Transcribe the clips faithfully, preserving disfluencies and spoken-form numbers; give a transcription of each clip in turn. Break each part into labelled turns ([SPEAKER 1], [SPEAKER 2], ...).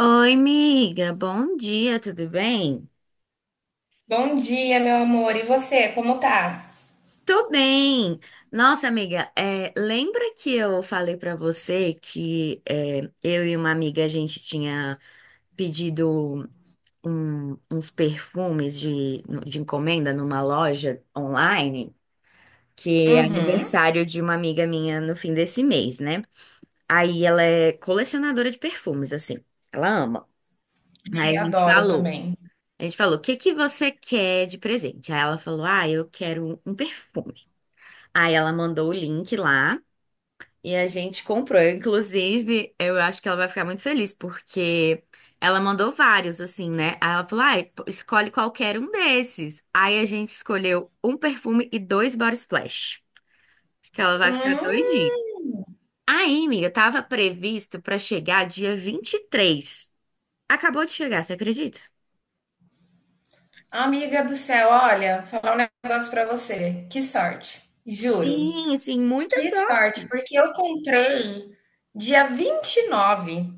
[SPEAKER 1] Oi, amiga, bom dia, tudo bem?
[SPEAKER 2] Bom dia, meu amor. E você, como tá?
[SPEAKER 1] Tô bem. Nossa, amiga, é, lembra que eu falei pra você que é, eu e uma amiga a gente tinha pedido um- uns perfumes de, de encomenda numa loja online, que é
[SPEAKER 2] Uhum.
[SPEAKER 1] aniversário de uma amiga minha no fim desse mês, né? Aí ela é colecionadora de perfumes, assim, ela ama. Aí
[SPEAKER 2] Ai,
[SPEAKER 1] a gente
[SPEAKER 2] adoro
[SPEAKER 1] falou.
[SPEAKER 2] também.
[SPEAKER 1] A gente falou, o que que você quer de presente? Aí ela falou, ah, eu quero um perfume. Aí ela mandou o link lá e a gente comprou. Inclusive, eu acho que ela vai ficar muito feliz porque ela mandou vários, assim, né? Aí ela falou, ah, escolhe qualquer um desses. Aí a gente escolheu um perfume e dois body splash. Acho que ela vai ficar
[SPEAKER 2] Hum,
[SPEAKER 1] doidinha. Aí, amiga, tava previsto pra chegar dia vinte e três. Acabou de chegar, você acredita?
[SPEAKER 2] amiga do céu, olha, falar um negócio pra você. Que sorte, juro.
[SPEAKER 1] Sim, sim, muita
[SPEAKER 2] Que
[SPEAKER 1] sorte.
[SPEAKER 2] sorte, porque eu comprei dia vinte e nove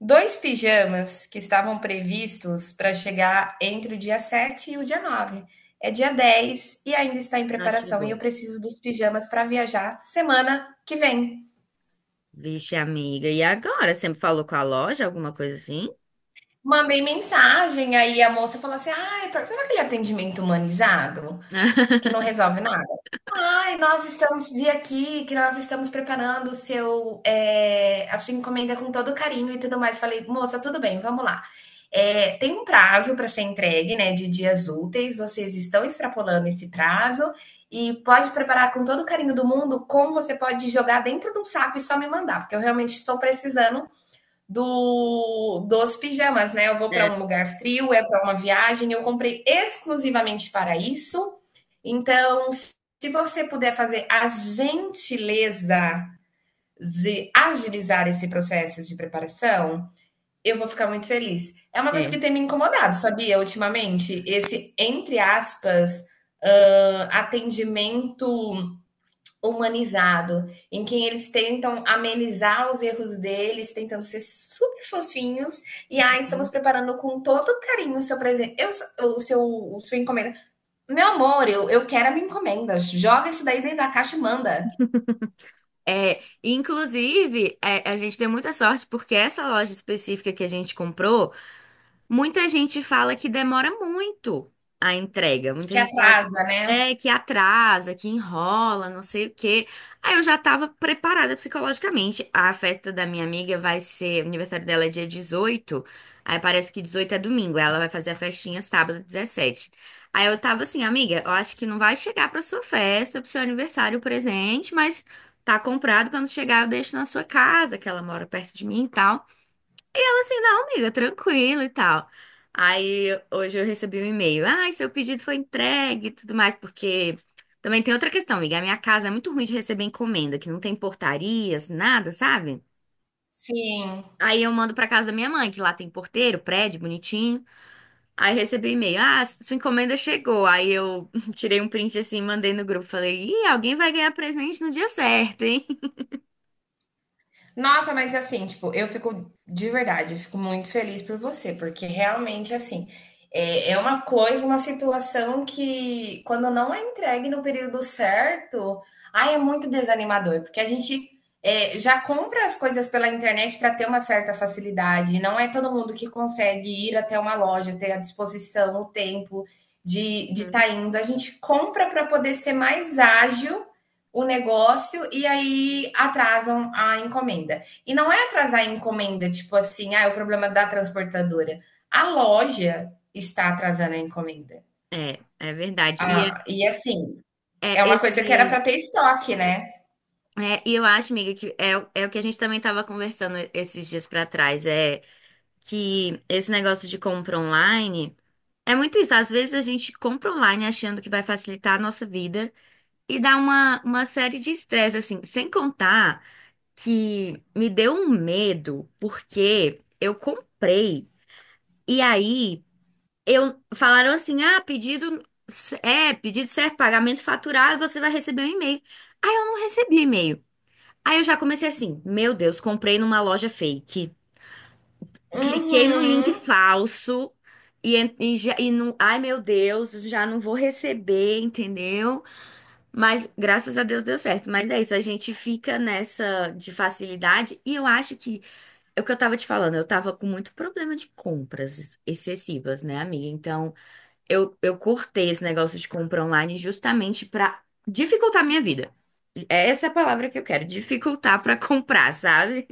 [SPEAKER 2] dois pijamas que estavam previstos para chegar entre o dia sete e o dia nove. É dia dez e ainda está em
[SPEAKER 1] Não
[SPEAKER 2] preparação e eu
[SPEAKER 1] chegou.
[SPEAKER 2] preciso dos pijamas para viajar semana que vem.
[SPEAKER 1] Vixe, amiga. E agora? Sempre falou com a loja, alguma coisa assim?
[SPEAKER 2] Mandei mensagem, aí a moça falou assim: "Ai, pra sabe aquele atendimento humanizado, que não resolve nada? Ai, nós estamos vi aqui que nós estamos preparando o seu, eh, a sua encomenda com todo carinho e tudo mais". Falei: "Moça, tudo bem, vamos lá. Eh, tem um prazo para ser entregue, né, de dias úteis, vocês estão extrapolando esse prazo e pode preparar com todo o carinho do mundo, como você pode jogar dentro de um saco e só me mandar, porque eu realmente estou precisando do dos pijamas, né? Eu vou para
[SPEAKER 1] É,
[SPEAKER 2] um lugar frio, é para uma viagem, eu comprei exclusivamente para isso. Então, se você puder fazer a gentileza de agilizar esse processo de preparação, eu vou ficar muito feliz. É uma coisa que
[SPEAKER 1] é.
[SPEAKER 2] tem me incomodado, sabia? Ultimamente, esse, entre aspas, ah, atendimento humanizado, em que eles tentam amenizar os erros deles, tentando ser super fofinhos. E aí estamos preparando com todo carinho o seu presente, eu, o seu, o sua encomenda. Meu amor, eu, eu quero a minha encomenda. Joga isso daí dentro da caixa e manda,
[SPEAKER 1] É, inclusive, é, a gente deu muita sorte porque essa loja específica que a gente comprou, muita gente fala que demora muito a entrega. Muita
[SPEAKER 2] que
[SPEAKER 1] gente fala
[SPEAKER 2] atrasa, né?
[SPEAKER 1] é, que atrasa, que enrola, não sei o quê. Aí eu já tava preparada psicologicamente. A festa da minha amiga vai ser, o aniversário dela é dia dezoito. Aí parece que dezoito é domingo. Ela vai fazer a festinha sábado dezessete. Aí eu tava assim, amiga, eu acho que não vai chegar pra sua festa, pro seu aniversário o presente, mas tá comprado. Quando chegar, eu deixo na sua casa, que ela mora perto de mim e tal. Eu assim, não, amiga, tranquilo e tal. Aí hoje eu recebi um e-mail. Ai, seu pedido foi entregue e tudo mais, porque também tem outra questão, amiga. A minha casa é muito ruim de receber encomenda, que não tem portarias, nada, sabe?
[SPEAKER 2] Sim.
[SPEAKER 1] Aí eu mando pra casa da minha mãe, que lá tem porteiro, prédio, bonitinho. Aí recebi um e-mail. Ah, sua encomenda chegou. Aí eu tirei um print assim, mandei no grupo. Falei, ih, alguém vai ganhar presente no dia certo, hein?
[SPEAKER 2] Nossa, mas assim, tipo, eu fico de verdade, eu fico muito feliz por você, porque realmente, assim, é, é uma coisa, uma situação que, quando não é entregue no período certo, ai, é muito desanimador, porque a gente é, já compra as coisas pela internet para ter uma certa facilidade, não é todo mundo que consegue ir até uma loja, ter a disposição, o tempo de estar de tá indo. A gente compra para poder ser mais ágil o negócio e aí atrasam a encomenda. E não é atrasar a encomenda, tipo assim, ah, é o problema da transportadora. A loja está atrasando a encomenda.
[SPEAKER 1] É, é verdade. E é,
[SPEAKER 2] Ah, e assim,
[SPEAKER 1] é
[SPEAKER 2] é uma coisa que era
[SPEAKER 1] esse.
[SPEAKER 2] para ter estoque, né?
[SPEAKER 1] É, e eu acho, amiga, que é, o- é o que a gente também estava conversando esses dias pra trás, é que esse negócio de compra online é muito isso. Às vezes a gente compra online achando que vai facilitar a nossa vida e dá uma, uma série de estresse, assim, sem contar que me deu um medo, porque eu comprei e aí eu falaram assim: ah, pedido é, pedido certo, pagamento faturado, você vai receber um e-mail. Aí eu não recebi e-mail. Aí eu já comecei assim, meu Deus, comprei numa loja fake. Cliquei no link
[SPEAKER 2] Uhum.
[SPEAKER 1] falso e, en- e, já, e não, ai meu Deus, já não vou receber, entendeu? Mas graças a Deus deu certo. Mas é isso, a gente fica nessa de facilidade e eu acho que é o que eu tava te falando, eu tava com muito problema de compras excessivas, né, amiga? Então, eu, eu cortei esse negócio de compra online justamente pra dificultar a minha vida. Essa é a palavra que eu quero, dificultar pra comprar, sabe?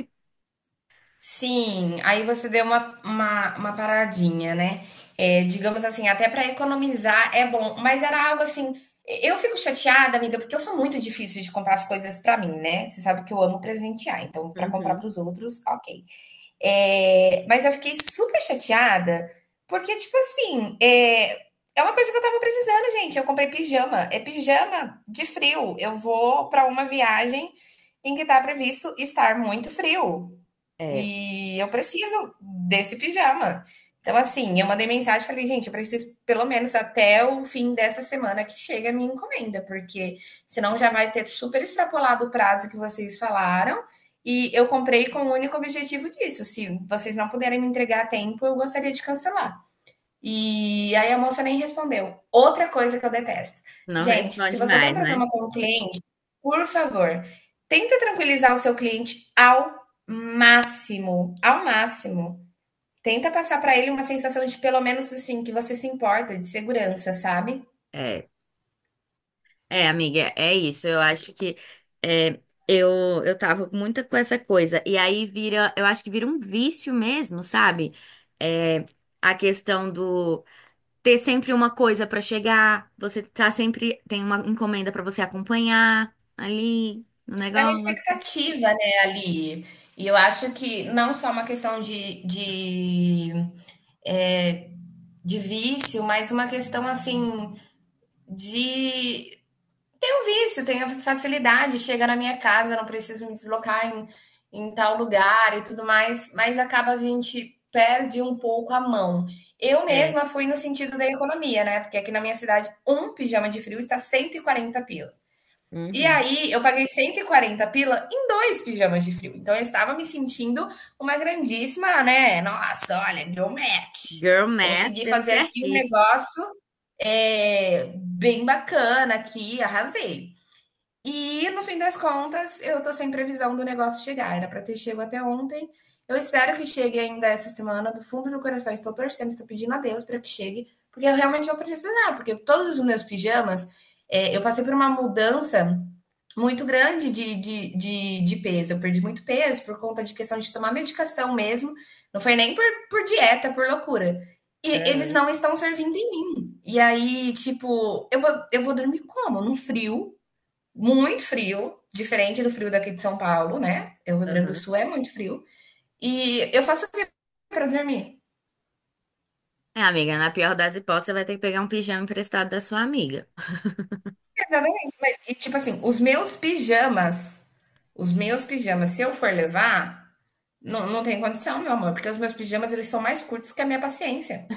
[SPEAKER 2] Sim, aí você deu uma, uma, uma paradinha, né? É, digamos assim, até para economizar é bom, mas era algo assim. Eu fico chateada, amiga, porque eu sou muito difícil de comprar as coisas para mim, né? Você sabe que eu amo presentear, então para comprar
[SPEAKER 1] Uhum.
[SPEAKER 2] para os outros, ok. É, mas eu fiquei super chateada, porque, tipo assim, é, é uma coisa que eu tava precisando, gente. Eu comprei pijama, é pijama de frio. Eu vou para uma viagem em que tá previsto estar muito frio.
[SPEAKER 1] É.
[SPEAKER 2] E eu preciso desse pijama. Então, assim, eu mandei mensagem e falei, gente, eu preciso pelo menos até o fim dessa semana que chega a minha encomenda, porque senão já vai ter super extrapolado o prazo que vocês falaram. E eu comprei com o único objetivo disso. Se vocês não puderem me entregar a tempo, eu gostaria de cancelar. E aí a moça nem respondeu. Outra coisa que eu detesto.
[SPEAKER 1] Não
[SPEAKER 2] Gente, se
[SPEAKER 1] responde
[SPEAKER 2] você tem um
[SPEAKER 1] mais, né?
[SPEAKER 2] problema com o cliente, por favor, tenta tranquilizar o seu cliente ao máximo, ao máximo. Tenta passar para ele uma sensação de pelo menos assim que você se importa, de segurança, sabe?
[SPEAKER 1] É. É, amiga, é isso. Eu acho que é, eu, eu tava muito com essa coisa. E aí vira, eu acho que vira um vício mesmo, sabe? É, a questão do ter sempre uma coisa pra chegar, você tá sempre, tem uma encomenda pra você acompanhar ali no
[SPEAKER 2] É uma
[SPEAKER 1] negócio.
[SPEAKER 2] expectativa, né, ali. E eu acho que não só uma questão de, de, de vício, mas uma questão assim de um vício, tenho facilidade, chega na minha casa, não preciso me deslocar em, em tal lugar e tudo mais, mas acaba a gente perde um pouco a mão. Eu
[SPEAKER 1] É.
[SPEAKER 2] mesma fui no sentido da economia, né? Porque aqui na minha cidade, um pijama de frio está cento e quarenta pila. E
[SPEAKER 1] Uhum.
[SPEAKER 2] aí, eu paguei cento e quarenta pila em dois pijamas de frio. Então, eu estava me sentindo uma grandíssima, né? Nossa, olha, deu match.
[SPEAKER 1] Girl math
[SPEAKER 2] Consegui
[SPEAKER 1] deu
[SPEAKER 2] fazer aqui um
[SPEAKER 1] certíssimo.
[SPEAKER 2] negócio é, bem bacana aqui, arrasei. E no fim das contas, eu tô sem previsão do negócio chegar. Era para ter chego até ontem. Eu espero que chegue ainda essa semana. Do fundo do coração, estou torcendo, estou pedindo a Deus para que chegue, porque eu realmente vou precisar. Porque todos os meus pijamas, é, eu passei por uma mudança muito grande de, de, de, de peso. Eu perdi muito peso por conta de questão de tomar medicação mesmo. Não foi nem por, por dieta, por loucura. E eles
[SPEAKER 1] Aham,
[SPEAKER 2] não estão servindo em mim. E aí, tipo, eu vou, eu vou dormir como? Num frio muito frio, diferente do frio daqui de São Paulo, né? É, o Rio Grande do
[SPEAKER 1] aham.
[SPEAKER 2] Sul é muito frio. E eu faço o que para dormir?
[SPEAKER 1] É, amiga, na pior das hipóteses, você vai ter que pegar um pijama emprestado da sua amiga.
[SPEAKER 2] Exatamente. E tipo assim, os meus pijamas, os meus pijamas, se eu for levar, não, não tem condição, meu amor, porque os meus pijamas eles são mais curtos que a minha paciência.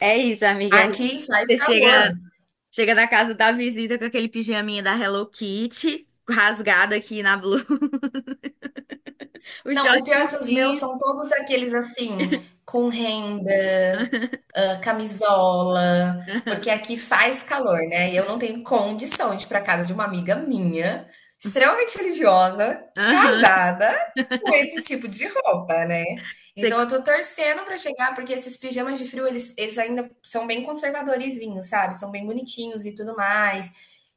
[SPEAKER 1] É isso, amiga.
[SPEAKER 2] Aqui faz
[SPEAKER 1] Você
[SPEAKER 2] calor.
[SPEAKER 1] chega, chega na casa da visita com aquele pijaminha da Hello Kitty, rasgado aqui na blusa, o
[SPEAKER 2] Não,
[SPEAKER 1] short
[SPEAKER 2] o pior é que os meus
[SPEAKER 1] curtinho.
[SPEAKER 2] são todos aqueles assim, com renda, hã, camisola, porque aqui faz calor, né, e eu não tenho condição de ir para casa de uma amiga minha, extremamente religiosa,
[SPEAKER 1] Aham.
[SPEAKER 2] casada, com esse tipo de roupa, né.
[SPEAKER 1] Você
[SPEAKER 2] Então eu tô torcendo para chegar, porque esses pijamas de frio eles eles ainda são bem conservadorzinhos, sabe, são bem bonitinhos e tudo mais.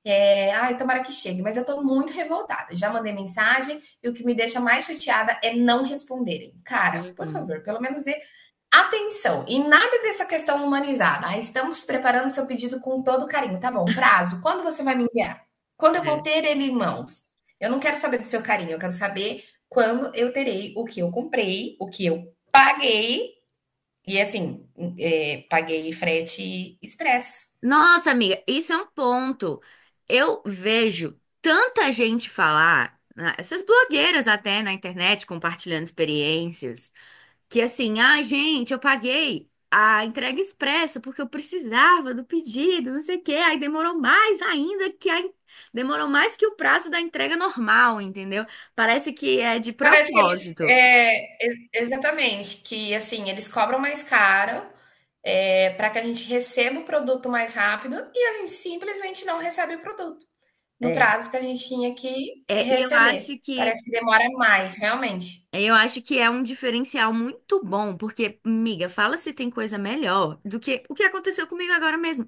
[SPEAKER 2] Eh, ai, tomara que chegue, mas eu tô muito revoltada. Já mandei mensagem e o que me deixa mais chateada é não responderem. Cara, por
[SPEAKER 1] uhum.
[SPEAKER 2] favor, pelo menos dê atenção. E nada dessa questão humanizada. Ah, estamos preparando seu pedido com todo carinho. Tá bom, prazo. Quando você vai me enviar? Quando eu vou
[SPEAKER 1] É.
[SPEAKER 2] ter ele em mãos? Eu não quero saber do seu carinho, eu quero saber quando eu terei o que eu comprei, o que eu paguei. E assim, é, paguei frete expresso.
[SPEAKER 1] Nossa, amiga, isso é um ponto. Eu vejo tanta gente falar, né, essas blogueiras até na internet compartilhando experiências. Que assim, ah, gente, eu paguei a entrega expressa porque eu precisava do pedido, não sei o quê. Aí demorou mais ainda que a... demorou mais que o prazo da entrega normal, entendeu? Parece que é de
[SPEAKER 2] Parece que eles.
[SPEAKER 1] propósito.
[SPEAKER 2] É, exatamente, que assim, eles cobram mais caro é, para que a gente receba o produto mais rápido e a gente simplesmente não recebe o produto no
[SPEAKER 1] É.
[SPEAKER 2] prazo que a gente tinha que
[SPEAKER 1] É, e eu
[SPEAKER 2] receber.
[SPEAKER 1] acho que
[SPEAKER 2] Parece que demora mais, realmente.
[SPEAKER 1] eu acho que é um diferencial muito bom, porque, miga, fala se tem coisa melhor do que o que aconteceu comigo agora mesmo.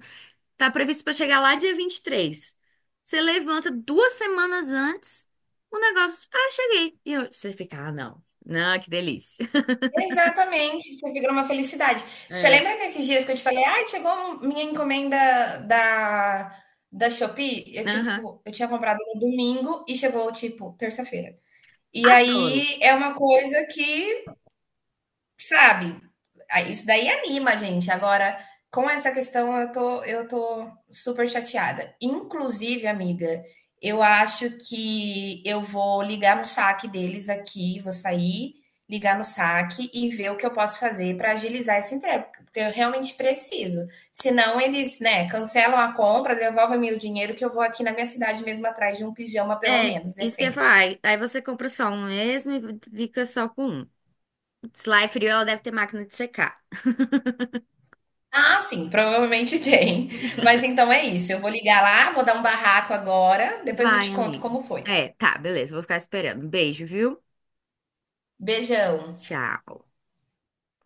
[SPEAKER 1] Tá previsto para chegar lá dia vinte e três. Você levanta duas semanas antes, o negócio. Ah, cheguei. E eu- você fica, ah, não. Não, que delícia.
[SPEAKER 2] Exatamente, isso vira uma felicidade. Você
[SPEAKER 1] É.
[SPEAKER 2] lembra nesses dias que eu te falei, ai, chegou um, minha encomenda da, da Shopee? Eu,
[SPEAKER 1] Aham.
[SPEAKER 2] tipo, eu tinha comprado no domingo e chegou, tipo, terça-feira. E
[SPEAKER 1] Adoro.
[SPEAKER 2] aí é uma coisa que sabe? Isso daí anima a gente. Agora, com essa questão, eu tô, eu tô super chateada. Inclusive, amiga, eu acho que eu vou ligar no saque deles aqui, vou sair, ligar no saque e ver o que eu posso fazer para agilizar esse entrega, porque eu realmente preciso. Senão eles, né, cancelam a compra, devolvem-me o dinheiro que eu vou aqui na minha cidade mesmo atrás de um pijama pelo
[SPEAKER 1] É,
[SPEAKER 2] menos
[SPEAKER 1] isso que eu ia falar.
[SPEAKER 2] decente.
[SPEAKER 1] Aí aí você compra só um mesmo e fica só com um. Se lá é frio, ela deve ter máquina de secar.
[SPEAKER 2] Ah, sim, provavelmente tem. Mas então é isso. Eu vou ligar lá, vou dar um barraco agora, depois eu
[SPEAKER 1] Vai,
[SPEAKER 2] te conto
[SPEAKER 1] amiga.
[SPEAKER 2] como foi.
[SPEAKER 1] É, tá, beleza. Vou ficar esperando. Beijo, viu?
[SPEAKER 2] Beijão.
[SPEAKER 1] Tchau.